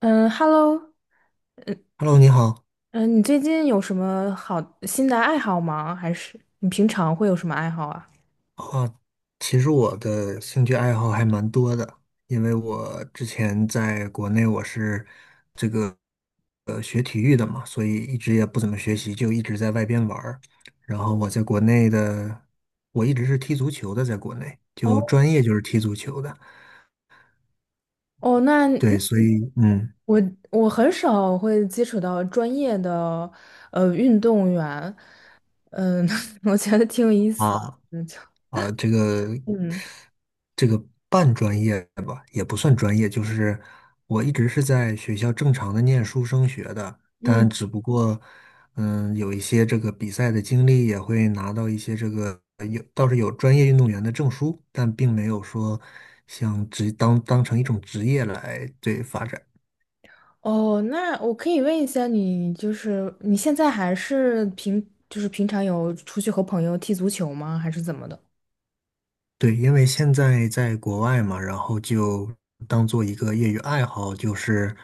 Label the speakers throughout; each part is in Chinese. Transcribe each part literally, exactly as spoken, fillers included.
Speaker 1: 嗯，Hello，
Speaker 2: Hello，你好。
Speaker 1: 嗯，你最近有什么好新的爱好吗？还是你平常会有什么爱好啊？
Speaker 2: 啊，其实我的兴趣爱好还蛮多的，因为我之前在国内我是这个呃学体育的嘛，所以一直也不怎么学习，就一直在外边玩儿。然后我在国内的，我一直是踢足球的，在国内
Speaker 1: 哦，
Speaker 2: 就专业就是踢足球的。
Speaker 1: 哦，那那
Speaker 2: 对，所以嗯。
Speaker 1: 我我很少会接触到专业的呃运动员，嗯，我觉得挺有意思
Speaker 2: 啊。
Speaker 1: 的就
Speaker 2: 啊，这个
Speaker 1: 嗯
Speaker 2: 这个半专业吧，也不算专业，就是我一直是在学校正常的念书升学的，
Speaker 1: 嗯，
Speaker 2: 但只不过，嗯，有一些这个比赛的经历，也会拿到一些这个有倒是有专业运动员的证书，但并没有说像职当当成一种职业来对发展。
Speaker 1: 哦，那我可以问一下你，就是你现在还是平就是平常有出去和朋友踢足球吗？还是怎么的？
Speaker 2: 对，因为现在在国外嘛，然后就当做一个业余爱好，就是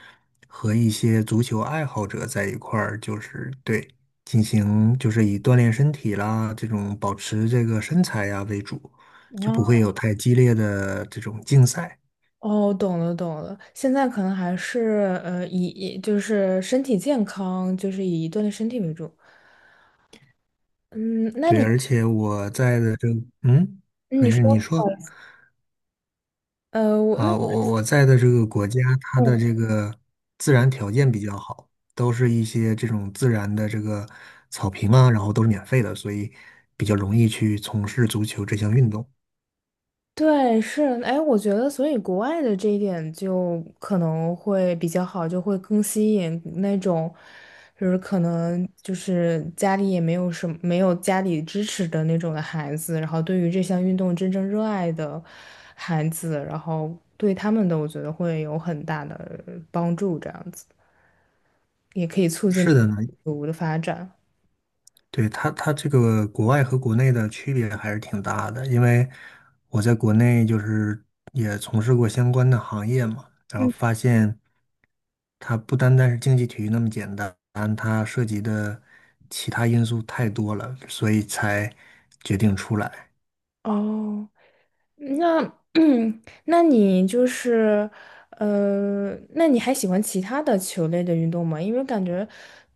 Speaker 2: 和一些足球爱好者在一块儿，就是对，进行就是以锻炼身体啦，这种保持这个身材呀为主，就不会有太激烈的这种竞赛。
Speaker 1: 哦，懂了懂了，现在可能还是呃以以就是身体健康，就是以锻炼身体为主。嗯，那
Speaker 2: 对，
Speaker 1: 你
Speaker 2: 而且我在的这，嗯，
Speaker 1: 你
Speaker 2: 没事，
Speaker 1: 说
Speaker 2: 你说。
Speaker 1: 呃我那。
Speaker 2: 啊，我我我在的这个国家，它的这个自然条件比较好，都是一些这种自然的这个草坪啊，然后都是免费的，所以比较容易去从事足球这项运动。
Speaker 1: 对，是，哎，我觉得，所以国外的这一点就可能会比较好，就会更吸引那种，就是可能就是家里也没有什么，没有家里支持的那种的孩子，然后对于这项运动真正热爱的孩子，然后对他们的，我觉得会有很大的帮助，这样子也可以促进
Speaker 2: 是的呢，
Speaker 1: 足的发展。
Speaker 2: 对，它它这个国外和国内的区别还是挺大的，因为我在国内就是也从事过相关的行业嘛，然后
Speaker 1: 嗯，
Speaker 2: 发现。它不单单是竞技体育那么简单，它涉及的其他因素太多了，所以才决定出来。
Speaker 1: 哦。那 那你就是，呃，那你还喜欢其他的球类的运动吗？因为感觉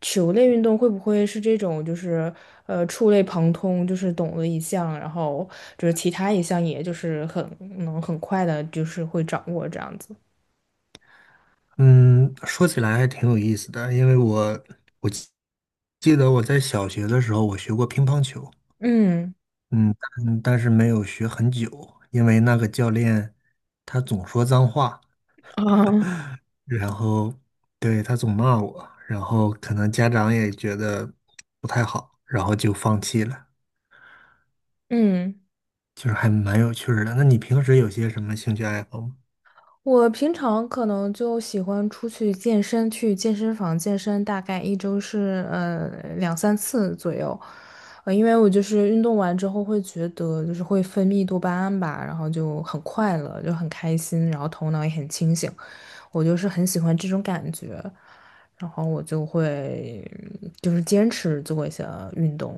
Speaker 1: 球类运动会不会是这种，就是呃触类旁通，就是懂了一项，然后就是其他一项，也就是很能很快的，就是会掌握这样子。
Speaker 2: 嗯，说起来还挺有意思的，因为我我记记得我在小学的时候我学过乒乓球，
Speaker 1: 嗯，
Speaker 2: 嗯，但但是没有学很久，因为那个教练他总说脏话，
Speaker 1: 啊，
Speaker 2: 然后对他总骂我，然后可能家长也觉得不太好，然后就放弃了。
Speaker 1: 嗯。
Speaker 2: 就是还蛮有趣儿的。那你平时有些什么兴趣爱好吗？
Speaker 1: 我平常可能就喜欢出去健身，去健身房健身，大概一周是呃两三次左右，呃，因为我就是运动完之后会觉得就是会分泌多巴胺吧，然后就很快乐，就很开心，然后头脑也很清醒，我就是很喜欢这种感觉，然后我就会嗯就是坚持做一些运动，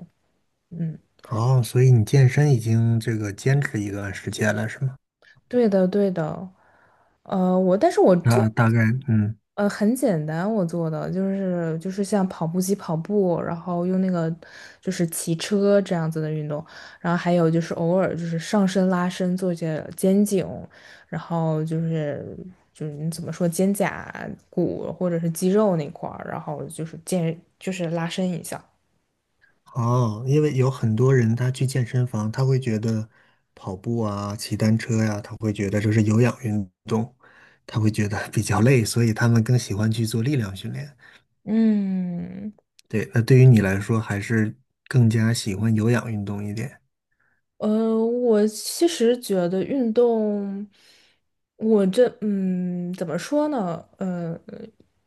Speaker 1: 嗯。
Speaker 2: 哦，所以你健身已经这个坚持一段时间了，是吗？
Speaker 1: 对的，对的。呃，我但是我做
Speaker 2: 那大概，嗯，
Speaker 1: 呃很简单，我做的就是就是像跑步机跑步，然后用那个就是骑车这样子的运动，然后还有就是偶尔就是上身拉伸做一些肩颈，然后就是就是你怎么说肩胛骨或者是肌肉那块儿，然后就是健就是拉伸一下。
Speaker 2: 哦，因为有很多人他去健身房，他会觉得跑步啊、骑单车呀、他会觉得这是有氧运动，他会觉得比较累，所以他们更喜欢去做力量训练。
Speaker 1: 嗯，
Speaker 2: 对，那对于你来说，还是更加喜欢有氧运动一点。
Speaker 1: 呃，我其实觉得运动，我这嗯，怎么说呢？呃，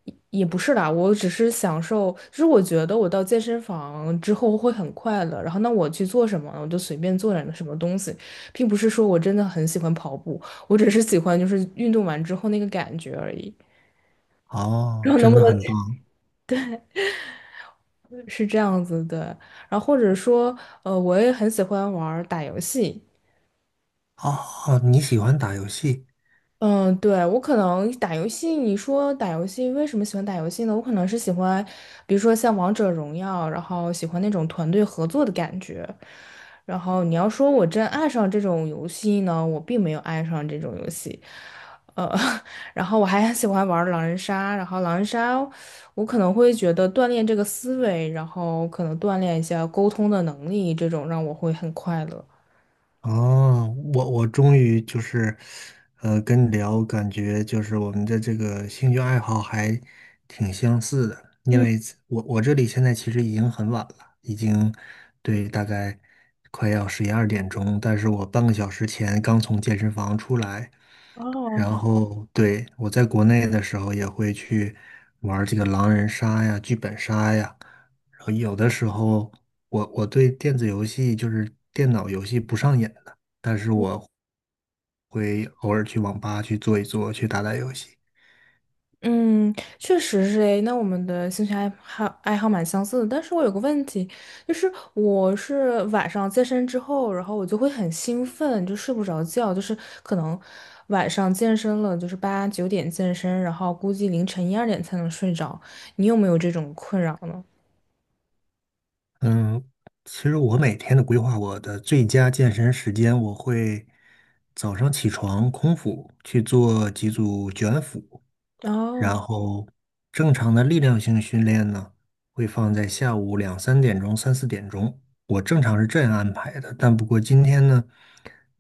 Speaker 1: 也也不是啦，我只是享受，就是我觉得我到健身房之后会很快乐，然后那我去做什么呢，我就随便做点什么东西，并不是说我真的很喜欢跑步，我只是喜欢就是运动完之后那个感觉而已。然
Speaker 2: 哦，
Speaker 1: 后能
Speaker 2: 真
Speaker 1: 不
Speaker 2: 的
Speaker 1: 能
Speaker 2: 很棒。
Speaker 1: 是这样子对，然后或者说，呃，我也很喜欢玩儿打游戏。
Speaker 2: 哦，你喜欢打游戏。
Speaker 1: 嗯，对，我可能打游戏，你说打游戏为什么喜欢打游戏呢？我可能是喜欢，比如说像王者荣耀，然后喜欢那种团队合作的感觉。然后你要说我真爱上这种游戏呢，我并没有爱上这种游戏。呃，然后我还喜欢玩狼人杀，然后狼人杀，我可能会觉得锻炼这个思维，然后可能锻炼一下沟通的能力，这种让我会很快乐。
Speaker 2: 哦，我我终于就是，呃，跟你聊，感觉就是我们的这个兴趣爱好还挺相似的，因
Speaker 1: 嗯，
Speaker 2: 为我我这里现在其实已经很晚了，已经对大概快要十一二点钟，但是我半个小时前刚从健身房出来，
Speaker 1: 哦。
Speaker 2: 然后对，我在国内的时候也会去玩儿这个狼人杀呀、剧本杀呀，然后有的时候我我对电子游戏就是电脑游戏不上瘾的，但是我会偶尔去网吧去坐一坐，去打打游戏。
Speaker 1: 嗯，确实是诶。那我们的兴趣爱好爱好蛮相似的，但是我有个问题，就是我是晚上健身之后，然后我就会很兴奋，就睡不着觉，就是可能晚上健身了，就是八九点健身，然后估计凌晨一二点才能睡着。你有没有这种困扰呢？
Speaker 2: 嗯，其实我每天的规划，我的最佳健身时间，我会早上起床空腹去做几组卷腹，
Speaker 1: 哦，
Speaker 2: 然后正常的力量性训练呢，会放在下午两三点钟、三四点钟。我正常是这样安排的，但不过今天呢，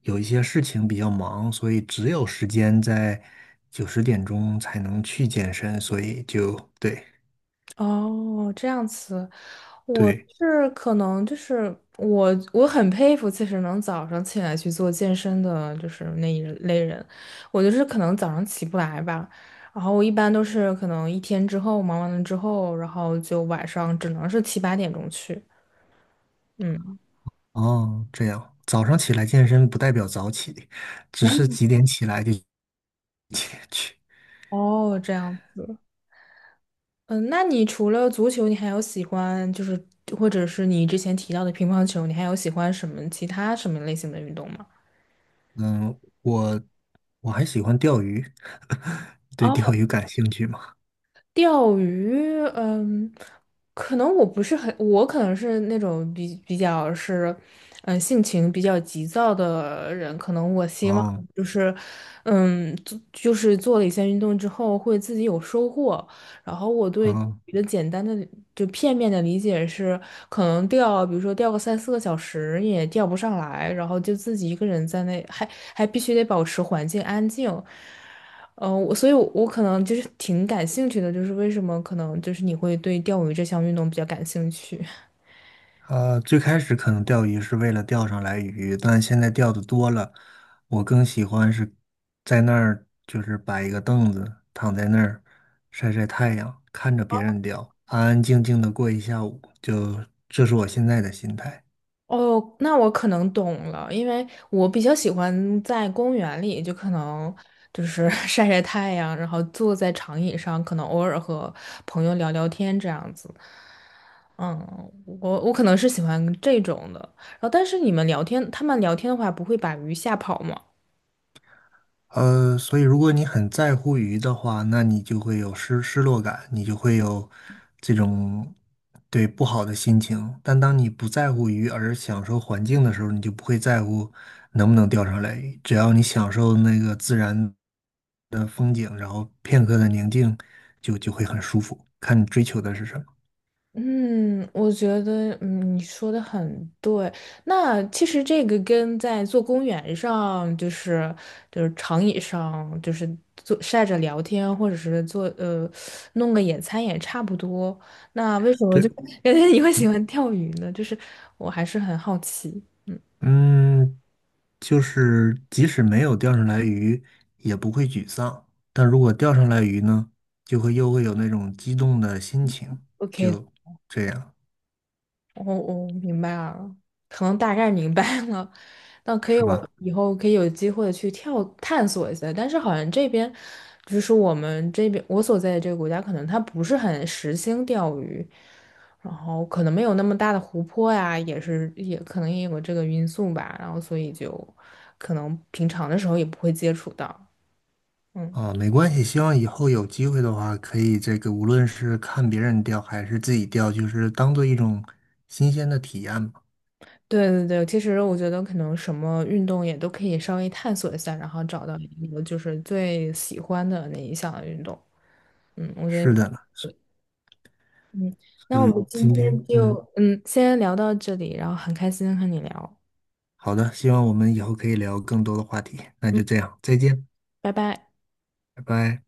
Speaker 2: 有一些事情比较忙，所以只有时间在九十点钟才能去健身，所以就对
Speaker 1: 哦，这样子。我
Speaker 2: 对
Speaker 1: 是可能就是我，我很佩服，其实能早上起来去做健身的，就是那一类人。我就是可能早上起不来吧，然后我一般都是可能一天之后忙完了之后，然后就晚上只能是七八点钟去。嗯，
Speaker 2: 哦，这样早上起来健身不代表早起，只是几点起来就几点去。
Speaker 1: 哦，这样子。嗯，那你除了足球，你还有喜欢就是或者是你之前提到的乒乓球，你还有喜欢什么其他什么类型的运动吗？
Speaker 2: 嗯，我我还喜欢钓鱼，对钓鱼感兴趣吗？
Speaker 1: 钓鱼，嗯，可能我不是很，我可能是那种比比较是，嗯，性情比较急躁的人，可能我希望
Speaker 2: 哦，
Speaker 1: 就是，嗯，做就是做了一些运动之后会自己有收获，然后我对。
Speaker 2: 好，
Speaker 1: 一个简单的就片面的理解是，可能钓，比如说钓个三四个小时也钓不上来，然后就自己一个人在那，还还必须得保持环境安静，嗯，呃我所以我我可能就是挺感兴趣的，就是为什么可能就是你会对钓鱼这项运动比较感兴趣？
Speaker 2: 呃，最开始可能钓鱼是为了钓上来鱼，但现在钓的多了，我更喜欢是在那儿，就是摆一个凳子，躺在那儿晒晒太阳，看着别人钓，安安静静的过一下午，就这是我现在的心态。
Speaker 1: 哦，那我可能懂了，因为我比较喜欢在公园里，就可能就是 晒晒太阳，然后坐在长椅上，可能偶尔和朋友聊聊天这样子。嗯，我我可能是喜欢这种的。然后，但是你们聊天，他们聊天的话，不会把鱼吓跑吗？
Speaker 2: 呃，所以如果你很在乎鱼的话，那你就会有失失落感，你就会有这种对不好的心情。但当你不在乎鱼而享受环境的时候，你就不会在乎能不能钓上来鱼。只要你享受那个自然的风景，然后片刻的宁静，就就会很舒服。看你追求的是什么。
Speaker 1: 嗯，我觉得嗯你说的很对。那其实这个跟在做公园上，就是就是长椅上，就是坐晒着聊天，或者是做呃弄个野餐也差不多。那为什么
Speaker 2: 对，
Speaker 1: 就 感觉你会喜欢钓鱼呢？就是我还是很好奇。
Speaker 2: 嗯，就是即使没有钓上来鱼，也不会沮丧。但如果钓上来鱼呢，就会又会有那种激动的心情，
Speaker 1: O K。
Speaker 2: 就这样，
Speaker 1: 我我明白了，可能大概明白了。那可以，
Speaker 2: 是
Speaker 1: 我
Speaker 2: 吧？
Speaker 1: 以后可以有机会去跳探索一下。但是好像这边，就是我们这边我所在的这个国家，可能它不是很实行钓鱼，然后可能没有那么大的湖泊呀，也是也可能也有这个因素吧。然后所以就可能平常的时候也不会接触到。嗯。
Speaker 2: 啊，没关系，希望以后有机会的话，可以这个无论是看别人钓还是自己钓，就是当做一种新鲜的体验吧。
Speaker 1: 对对对，其实我觉得可能什么运动也都可以稍微探索一下，然后找到一个就是最喜欢的那一项运动。嗯，我觉
Speaker 2: 是
Speaker 1: 得，
Speaker 2: 的呢，
Speaker 1: 嗯，那
Speaker 2: 所
Speaker 1: 我
Speaker 2: 以
Speaker 1: 们今
Speaker 2: 今天，
Speaker 1: 天就
Speaker 2: 嗯，
Speaker 1: 嗯先聊到这里，然后很开心和你聊，
Speaker 2: 好的，希望我们以后可以聊更多的话题。那
Speaker 1: 嗯，
Speaker 2: 就这样，再见，
Speaker 1: 拜拜。
Speaker 2: 拜拜。